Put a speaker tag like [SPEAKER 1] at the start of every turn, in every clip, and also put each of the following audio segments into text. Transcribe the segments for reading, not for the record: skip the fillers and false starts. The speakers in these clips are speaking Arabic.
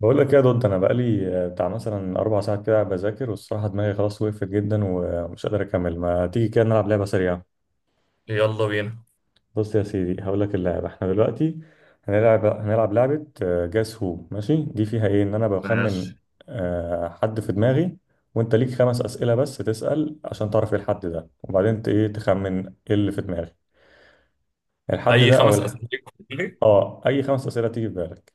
[SPEAKER 1] بقول لك ايه يا دود. انا بقالي بتاع مثلا 4 ساعات كده بذاكر، والصراحه دماغي خلاص وقفت جدا ومش قادر اكمل. ما تيجي كده نلعب لعبه سريعه.
[SPEAKER 2] يلا بينا.
[SPEAKER 1] بص يا سيدي، هقول لك اللعبه. احنا دلوقتي هنلعب لعبه. جاس هو ماشي، دي فيها ايه؟ ان انا بخمن
[SPEAKER 2] ماشي.
[SPEAKER 1] حد في دماغي، وانت ليك 5 اسئله بس تسال عشان تعرف ايه الحد ده، وبعدين ايه تخمن ايه اللي في دماغي. الحد
[SPEAKER 2] اي
[SPEAKER 1] ده او
[SPEAKER 2] خمس
[SPEAKER 1] الح...
[SPEAKER 2] اسئله ليك.
[SPEAKER 1] اه، اي 5 اسئله تيجي في بالك.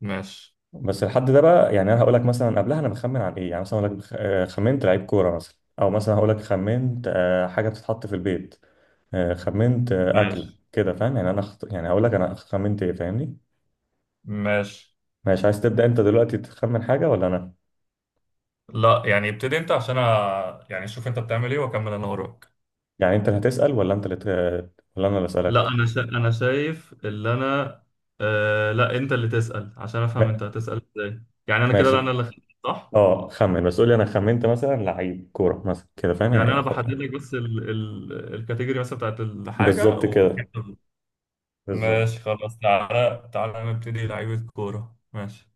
[SPEAKER 2] ماشي
[SPEAKER 1] بس الحد ده بقى، يعني انا هقول لك مثلا قبلها انا بخمن عن ايه. يعني مثلا اقول لك خمنت لعيب كوره مثلا، او مثلا هقول لك خمنت حاجه بتتحط في البيت. خمنت اكله،
[SPEAKER 2] ماشي
[SPEAKER 1] كده فاهم يعني. انا يعني هقول لك انا خمنت ايه، فاهمني.
[SPEAKER 2] ماشي.
[SPEAKER 1] ماشي، عايز تبدا انت دلوقتي تخمن حاجه ولا انا؟
[SPEAKER 2] لا، يعني ابتدي انت عشان يعني شوف انت بتعمل ايه واكمل انا وراك.
[SPEAKER 1] يعني انت اللي هتسال ولا انت اللي ولا انا اللي
[SPEAKER 2] لا،
[SPEAKER 1] اسالك؟
[SPEAKER 2] انا شايف اللي انا. لا، انت اللي تسأل عشان افهم انت
[SPEAKER 1] ما-
[SPEAKER 2] هتسأل ازاي، يعني انا كده. لا،
[SPEAKER 1] ماشي.
[SPEAKER 2] صح.
[SPEAKER 1] اه خمن، بس قول لي انا خمنت مثلا لعيب كوره مثلا، كده فاهم يعني.
[SPEAKER 2] يعني
[SPEAKER 1] إيه؟
[SPEAKER 2] انا بحدد لك بس الكاتيجوري مثلا بتاعت الحاجة
[SPEAKER 1] بالظبط
[SPEAKER 2] و...
[SPEAKER 1] كده،
[SPEAKER 2] ماشي
[SPEAKER 1] بالظبط.
[SPEAKER 2] خلاص، تعالى تعالى نبتدي لعيبه كوره. ماشي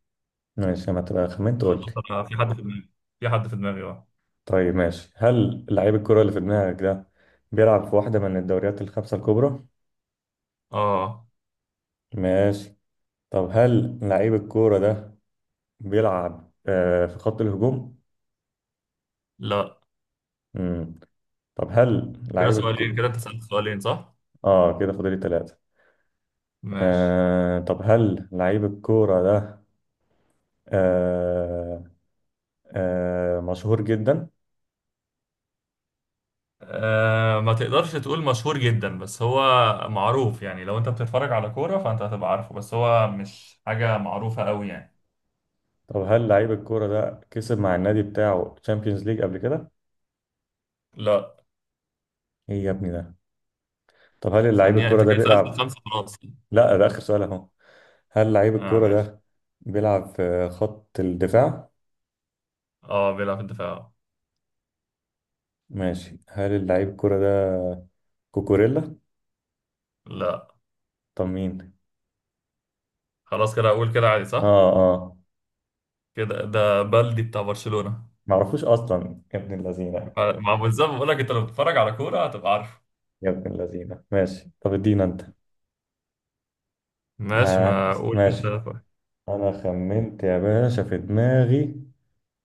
[SPEAKER 1] ماشي، ما تبقى خمنت
[SPEAKER 2] خلاص،
[SPEAKER 1] قول لي.
[SPEAKER 2] انا في حد في دماغي، في حد في دماغي اه.
[SPEAKER 1] طيب ماشي، هل لعيب الكرة اللي في دماغك ده بيلعب في واحدة من الدوريات الخمسة الكبرى؟
[SPEAKER 2] اه.
[SPEAKER 1] ماشي. طب هل لعيب الكورة ده بيلعب في خط الهجوم؟
[SPEAKER 2] لا،
[SPEAKER 1] مم. طب هل
[SPEAKER 2] كده
[SPEAKER 1] لعيب
[SPEAKER 2] سؤالين،
[SPEAKER 1] الكورة.
[SPEAKER 2] كده انت سألت سؤالين صح؟
[SPEAKER 1] اه، كده فاضل لي 3.
[SPEAKER 2] ماشي.
[SPEAKER 1] طب هل لعيب الكورة ده آه مشهور جدا؟
[SPEAKER 2] أه، ما تقدرش تقول مشهور جدا بس هو معروف، يعني لو انت بتتفرج على كورة فانت هتبقى عارفه، بس هو مش حاجة معروفة قوي يعني.
[SPEAKER 1] طب هل لعيب الكورة ده كسب مع النادي بتاعه تشامبيونز ليج قبل كده؟
[SPEAKER 2] لا،
[SPEAKER 1] ايه يا ابني ده؟ طب هل لعيب
[SPEAKER 2] ثانية
[SPEAKER 1] الكورة
[SPEAKER 2] انت
[SPEAKER 1] ده
[SPEAKER 2] كده سألت
[SPEAKER 1] بيلعب؟
[SPEAKER 2] الخمسة خلاص.
[SPEAKER 1] لا، ده آخر سؤال اهو. هل لعيب
[SPEAKER 2] اه
[SPEAKER 1] الكرة
[SPEAKER 2] ماشي.
[SPEAKER 1] ده بيلعب في خط الدفاع؟
[SPEAKER 2] اه، بيلعب في الدفاع.
[SPEAKER 1] ماشي، هل اللعيب الكرة ده كوكوريلا؟
[SPEAKER 2] لا.
[SPEAKER 1] طب مين؟
[SPEAKER 2] خلاص كده اقول كده عادي
[SPEAKER 1] اه،
[SPEAKER 2] صح؟
[SPEAKER 1] اه.
[SPEAKER 2] كده ده بلدي بتاع برشلونة.
[SPEAKER 1] معرفوش اصلا يا ابن اللذينة.
[SPEAKER 2] مع بالظبط، بقول لك انت لو بتتفرج على كورة هتبقى عارفه.
[SPEAKER 1] يا ابن اللذينة، ماشي طب ادينا انت.
[SPEAKER 2] ماشي،
[SPEAKER 1] ها
[SPEAKER 2] ما اقول انت.
[SPEAKER 1] ماشي. انا خمنت يا باشا في دماغي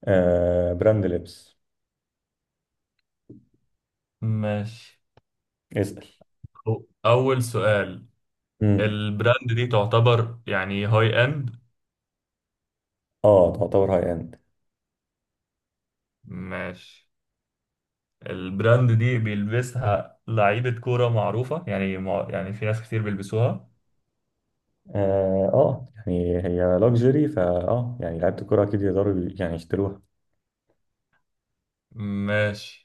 [SPEAKER 1] براند لبس.
[SPEAKER 2] ماشي.
[SPEAKER 1] اسأل.
[SPEAKER 2] اول سؤال.
[SPEAKER 1] امم
[SPEAKER 2] البراند دي تعتبر يعني هاي اند.
[SPEAKER 1] اه، تعتبر هاي اند.
[SPEAKER 2] ماشي. البراند دي بيلبسها لعيبة كورة معروفة، يعني يعني في ناس كتير بيلبسوها.
[SPEAKER 1] اه، يعني هي لوكسجري فا. اه يعني لعيبة الكرة اكيد يقدروا يعني يشتروها.
[SPEAKER 2] ماشي.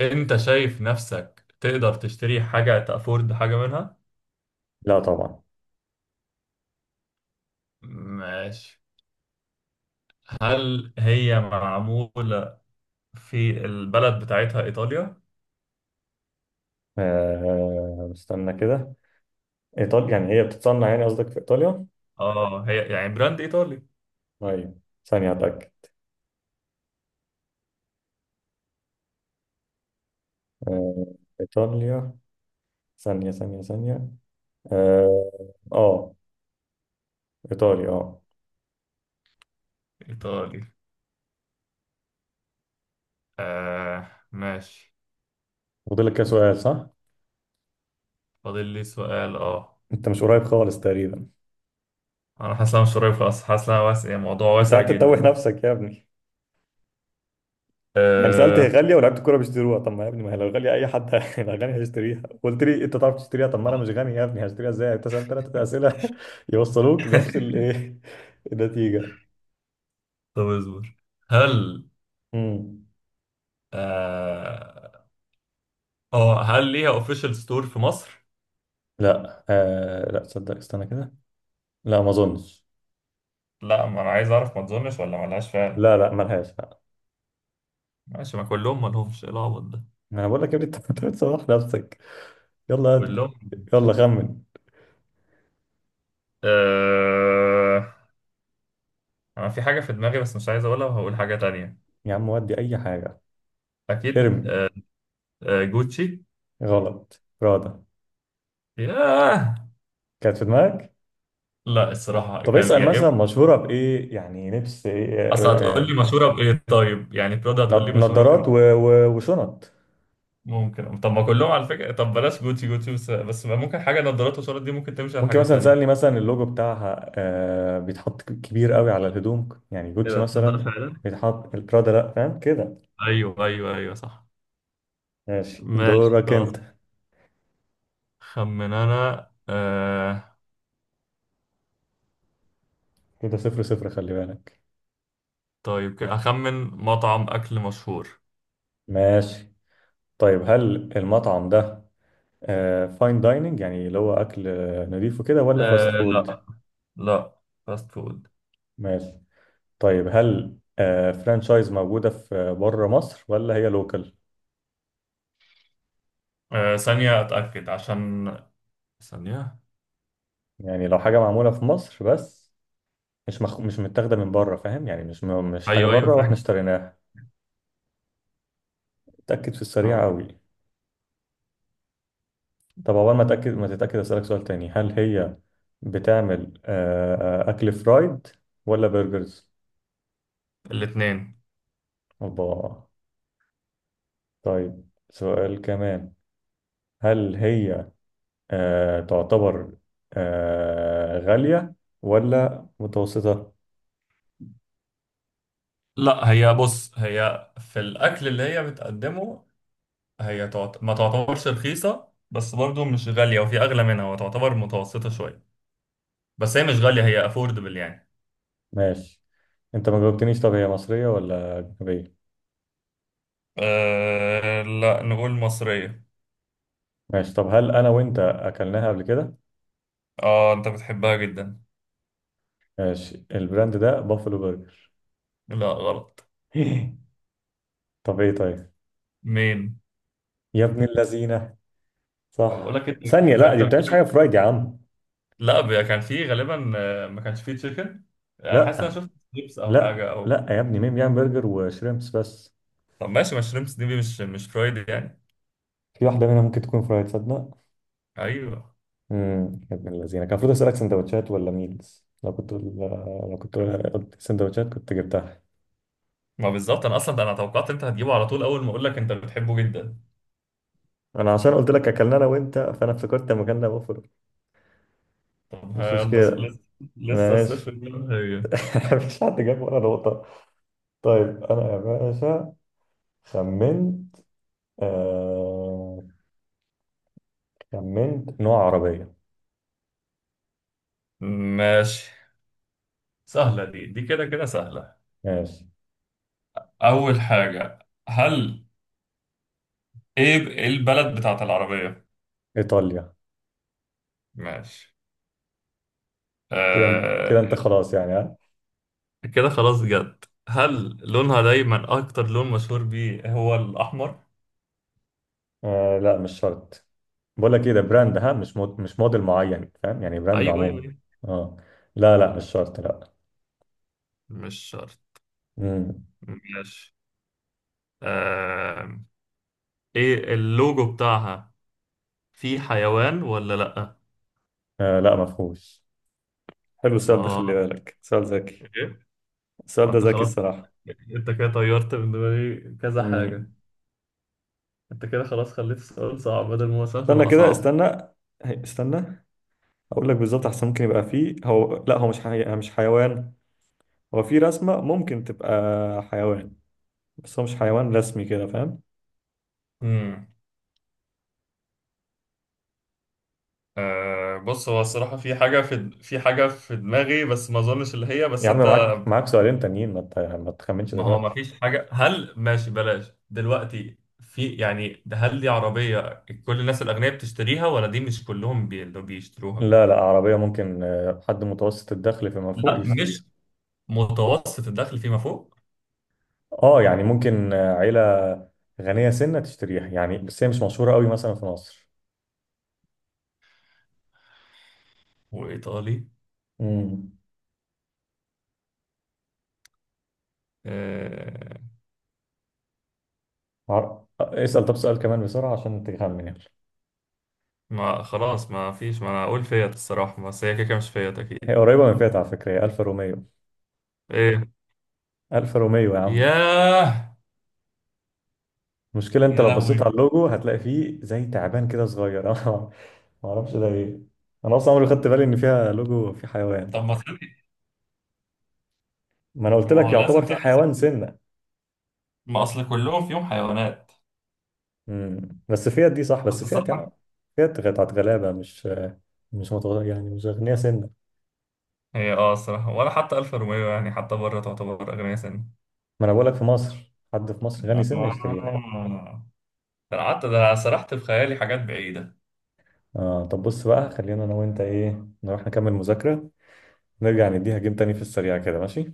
[SPEAKER 2] انت شايف نفسك تقدر تشتري حاجة، تأفورد حاجة منها.
[SPEAKER 1] لا طبعا.
[SPEAKER 2] ماشي. هل هي معمولة في البلد بتاعتها إيطاليا؟
[SPEAKER 1] استنى كده. إيطاليا يعني هي بتتصنع يعني قصدك في إيطاليا؟
[SPEAKER 2] اه، هي يعني براند إيطالي.
[SPEAKER 1] طيب، ثانية أتأكد. آه إيطاليا. ثانية ثانية ثانية. آه, آه إيطاليا.
[SPEAKER 2] إيطالي آه. ماشي.
[SPEAKER 1] فاضلك كده سؤال صح؟
[SPEAKER 2] فاضل لي سؤال اه.
[SPEAKER 1] أنت مش قريب خالص تقريبا.
[SPEAKER 2] انا حاسس إن أنا مش قريب خالص، حاسس إن أنا واسع، يعني موضوع
[SPEAKER 1] أنت
[SPEAKER 2] واسع
[SPEAKER 1] قاعد تتوه
[SPEAKER 2] جدا.
[SPEAKER 1] نفسك يا ابني. يعني سألت هي
[SPEAKER 2] أه...
[SPEAKER 1] غالية ولاعيبة الكورة بيشتروها. طب ما يا ابني، ما هي لو غالية أي حد هيبقى غني هيشتريها. قلت لي أنت تعرف تشتريها، طب ما أنا مش غني يا ابني، هشتريها إزاي؟ أنت سألت 3 أسئلة. يوصلوك نفس الإيه، النتيجة.
[SPEAKER 2] طب اصبر. هل
[SPEAKER 1] امم
[SPEAKER 2] اه آه، هل ليها اوفيشال ستور في مصر؟
[SPEAKER 1] لا، لا تصدق استنى كده. لا ما اظنش.
[SPEAKER 2] لا، ما انا عايز اعرف، ما تظنش ولا ما لهاش فعلا.
[SPEAKER 1] لا لا ملهاش، لا.
[SPEAKER 2] ماشي، ما كلهم ما لهمش، ايه العبط ده.
[SPEAKER 1] انا بقول لك يا ابني انت أنت بتسوح نفسك. يلا هد.
[SPEAKER 2] كلهم ما
[SPEAKER 1] يلا
[SPEAKER 2] لهمش.
[SPEAKER 1] خمن.
[SPEAKER 2] أه... انا في حاجة في دماغي بس مش عايز اقولها، وهقول حاجة تانية.
[SPEAKER 1] يا عم ودي اي حاجه،
[SPEAKER 2] اكيد.
[SPEAKER 1] ارمي.
[SPEAKER 2] جوتشي.
[SPEAKER 1] غلط، راضة
[SPEAKER 2] ياه.
[SPEAKER 1] كانت في دماغك.
[SPEAKER 2] لا، الصراحة
[SPEAKER 1] طب
[SPEAKER 2] كان
[SPEAKER 1] اسال
[SPEAKER 2] يا اما.
[SPEAKER 1] مثلا مشهوره بايه، يعني لبس ايه
[SPEAKER 2] اصل
[SPEAKER 1] آه،
[SPEAKER 2] هتقول لي
[SPEAKER 1] آه،
[SPEAKER 2] مشهورة بايه، طيب يعني برادا هتقول لي مشهورة بايه.
[SPEAKER 1] نضارات وشنط.
[SPEAKER 2] ممكن، طب ما كلهم على فكرة. طب بلاش جوتي جوتي، بس ما ممكن حاجة نظارات وشارات دي ممكن تمشي على
[SPEAKER 1] ممكن
[SPEAKER 2] حاجات
[SPEAKER 1] مثلا تسالني
[SPEAKER 2] تانية.
[SPEAKER 1] مثلا اللوجو بتاعها بيتحط كبير قوي على الهدوم، يعني
[SPEAKER 2] ايه
[SPEAKER 1] جوتشي
[SPEAKER 2] ده تصدق
[SPEAKER 1] مثلا.
[SPEAKER 2] فعلا.
[SPEAKER 1] بيتحط راضة لا، فاهم كده.
[SPEAKER 2] ايوه ايوه ايوه، صح.
[SPEAKER 1] ماشي
[SPEAKER 2] ماشي
[SPEAKER 1] دورك
[SPEAKER 2] خلاص.
[SPEAKER 1] انت.
[SPEAKER 2] خمن انا.
[SPEAKER 1] كده 0-0، خلي بالك.
[SPEAKER 2] طيب كده اخمن مطعم اكل مشهور.
[SPEAKER 1] ماشي. طيب هل المطعم ده فاين دايننج، يعني اللي هو أكل نضيف وكده، ولا فاست فود؟
[SPEAKER 2] لا. لا، فاست فود.
[SPEAKER 1] ماشي. طيب هل فرانشايز موجودة في بره مصر ولا هي لوكال؟
[SPEAKER 2] ثانية اتأكد عشان. ثانية.
[SPEAKER 1] يعني لو حاجة معمولة في مصر بس، مش متاخدة من بره، فاهم يعني، مش حاجة
[SPEAKER 2] ايوه ايوه
[SPEAKER 1] بره واحنا
[SPEAKER 2] فاهم.
[SPEAKER 1] اشتريناها. اتأكد في السريع
[SPEAKER 2] هقول.
[SPEAKER 1] قوي. طب أول ما تتأكد أسألك سؤال تاني. هل هي بتعمل أكل فرايد ولا برجرز؟
[SPEAKER 2] الاتنين.
[SPEAKER 1] الله. طيب سؤال كمان، هل هي تعتبر غالية ولا متوسطة؟
[SPEAKER 2] لا، هي بص هي في الاكل اللي هي بتقدمه، هي ما تعتبرش رخيصة، بس برضو مش غالية، وفي أغلى منها، وتعتبر متوسطة شوية، بس هي مش غالية، هي أفوردبل يعني.
[SPEAKER 1] ماشي. انت ما جاوبتنيش، طب هي مصرية ولا أجنبية؟
[SPEAKER 2] لا، نقول مصرية.
[SPEAKER 1] ماشي. طب هل أنا وأنت أكلناها قبل كده؟
[SPEAKER 2] اه، انت بتحبها جدا.
[SPEAKER 1] ماشي، البراند ده بافلو برجر.
[SPEAKER 2] لا غلط.
[SPEAKER 1] طب إيه طيب؟
[SPEAKER 2] مين؟
[SPEAKER 1] يا ابن اللذينة.
[SPEAKER 2] بقول
[SPEAKER 1] صح
[SPEAKER 2] لك انت
[SPEAKER 1] ثانية، لا
[SPEAKER 2] انت
[SPEAKER 1] دي بتعملش حاجة فرايد يا عم.
[SPEAKER 2] لا، كان في غالبا، ما كانش فيه تشيكن. انا حاسس ان انا
[SPEAKER 1] لا
[SPEAKER 2] شفت شريمس او
[SPEAKER 1] لا،
[SPEAKER 2] حاجه او.
[SPEAKER 1] لا يا ابني مين بيعمل برجر وشريمبس بس؟
[SPEAKER 2] طب ماشي، ما شريمس دي مش فرايد يعني.
[SPEAKER 1] في واحدة منها ممكن تكون فرايد تصدق؟
[SPEAKER 2] ايوه.
[SPEAKER 1] يا ابن الذين، كان المفروض اسالك سندوتشات ولا ميلز. لو كنت
[SPEAKER 2] شوف.
[SPEAKER 1] قلت سندوتشات كنت جبتها.
[SPEAKER 2] ما بالظبط، انا اصلا ده انا توقعت انت هتجيبه على طول، اول ما اقول لك انت بتحبه جدا.
[SPEAKER 1] انا عشان قلت لك اكلنا انا وانت، فانا افتكرت لما كنا بفرق.
[SPEAKER 2] طب
[SPEAKER 1] مش
[SPEAKER 2] يلا
[SPEAKER 1] مشكله.
[SPEAKER 2] لسه. لسه
[SPEAKER 1] ماشي.
[SPEAKER 2] الصفر زي ما هي.
[SPEAKER 1] مفيش حد جاب ولا نقطه. طيب انا يا باشا خمنت آه... خمنت نوع عربيه.
[SPEAKER 2] ماشي. سهلة، دي كده كده سهلة.
[SPEAKER 1] ماشي،
[SPEAKER 2] أول حاجة، هل إيه البلد بتاعت العربية؟
[SPEAKER 1] ايطاليا.
[SPEAKER 2] ماشي.
[SPEAKER 1] كده
[SPEAKER 2] آه.
[SPEAKER 1] كده انت خلاص يعني.
[SPEAKER 2] كده خلاص جد، هل لونها دايما أكتر لون مشهور بيه هو الأحمر؟
[SPEAKER 1] لا مش شرط. بقول لك ايه، ده براند، ها، مش موديل معين، فاهم يعني، براند
[SPEAKER 2] أيوه أيوه
[SPEAKER 1] عموما.
[SPEAKER 2] أيوه،
[SPEAKER 1] اه، لا لا مش شرط لا.
[SPEAKER 2] مش شرط.
[SPEAKER 1] امم
[SPEAKER 2] ماشي. آه. إيه اللوجو بتاعها، فيه حيوان ولا لأ؟
[SPEAKER 1] لا ما فيهوش. حلو السؤال ده، خلي
[SPEAKER 2] آه.
[SPEAKER 1] بالك سؤال ذكي.
[SPEAKER 2] إيه؟
[SPEAKER 1] السؤال
[SPEAKER 2] ما
[SPEAKER 1] ده
[SPEAKER 2] انت
[SPEAKER 1] ذكي
[SPEAKER 2] خلاص،
[SPEAKER 1] الصراحة.
[SPEAKER 2] انت كده طيرت من دماغي كذا
[SPEAKER 1] امم
[SPEAKER 2] حاجة. انت كده خلاص، خليت السؤال صعب بدل ما هو سهل
[SPEAKER 1] استنى
[SPEAKER 2] بقى
[SPEAKER 1] كده،
[SPEAKER 2] صعب.
[SPEAKER 1] استنى، استنى. اقول لك بالظبط احسن. ممكن يبقى فيه، هو لا، هو مش حيوان. هو في رسمة ممكن تبقى حيوان، بس هو مش حيوان رسمي، كده فاهم.
[SPEAKER 2] امم آه بص، هو الصراحة في حاجة في حاجة في دماغي، بس ما اظنش اللي هي،
[SPEAKER 1] يا
[SPEAKER 2] بس
[SPEAKER 1] عم،
[SPEAKER 2] انت.
[SPEAKER 1] معاك سؤالين تانيين، ما تخمنش
[SPEAKER 2] ما هو ما
[SPEAKER 1] دلوقتي.
[SPEAKER 2] فيش حاجة، هل ماشي بلاش دلوقتي، في يعني ده، هل دي عربية كل الناس الأغنياء بتشتريها ولا دي مش كلهم اللي بيشتروها.
[SPEAKER 1] لا لا، عربية ممكن حد متوسط الدخل فيما فوق
[SPEAKER 2] لا،
[SPEAKER 1] يشتريها.
[SPEAKER 2] مش متوسط الدخل فيما فوق.
[SPEAKER 1] اه يعني ممكن عيلة غنية سنة تشتريها يعني، بس هي مش مشهورة قوي مثلا في مصر.
[SPEAKER 2] وإيطالي.
[SPEAKER 1] امم
[SPEAKER 2] آه.
[SPEAKER 1] عر... آه، اسأل، طب سؤال كمان بسرعة عشان تخمن يعني.
[SPEAKER 2] ما خلاص ما فيش، ما انا اقول فيت الصراحة، بس هي كده كده مش فيت
[SPEAKER 1] هي
[SPEAKER 2] اكيد.
[SPEAKER 1] قريبة من فيات على فكرة، هي ألفا روميو.
[SPEAKER 2] ايه.
[SPEAKER 1] ألفا روميو يا عم.
[SPEAKER 2] ياه.
[SPEAKER 1] المشكلة انت
[SPEAKER 2] يا
[SPEAKER 1] لو بصيت على
[SPEAKER 2] لهوي.
[SPEAKER 1] اللوجو هتلاقي فيه زي تعبان كده صغير. انا ما اعرفش ده ايه. انا اصلا عمري ما خدت بالي ان فيها لوجو في حيوان.
[SPEAKER 2] طب ما تخلي.
[SPEAKER 1] ما انا قلت
[SPEAKER 2] ما هو
[SPEAKER 1] لك
[SPEAKER 2] لازم
[SPEAKER 1] يعتبر في
[SPEAKER 2] تعرف.
[SPEAKER 1] حيوان سنة.
[SPEAKER 2] ما اصل كلهم فيهم حيوانات.
[SPEAKER 1] مم. بس فيات دي صح، بس
[SPEAKER 2] بس
[SPEAKER 1] فيات يعني،
[SPEAKER 2] الصراحة
[SPEAKER 1] فيات بتاعت غلابة، مش مش متغ... يعني مش أغنياء سنة.
[SPEAKER 2] هي اه الصراحة، ولا حتى الف روميو يعني، حتى بره تعتبر اغنية سن.
[SPEAKER 1] ما أنا بقولك، في مصر حد في مصر
[SPEAKER 2] آه.
[SPEAKER 1] غني سنة يشتريها.
[SPEAKER 2] ده أنا قعدت، ده أنا سرحت في خيالي حاجات بعيدة.
[SPEAKER 1] طب بص بقى، خلينا أنا وأنت إيه نروح نكمل مذاكرة. نرجع نديها جيم تاني في السريع كده ماشي؟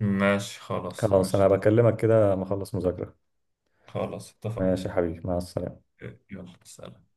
[SPEAKER 2] ماشي خلاص
[SPEAKER 1] خلاص،
[SPEAKER 2] ماشي
[SPEAKER 1] أنا
[SPEAKER 2] طب.
[SPEAKER 1] بكلمك كده ما أخلص مذاكرة.
[SPEAKER 2] خلاص اتفقنا.
[SPEAKER 1] ماشي يا حبيبي، مع السلامة.
[SPEAKER 2] إيه، يلا سلام.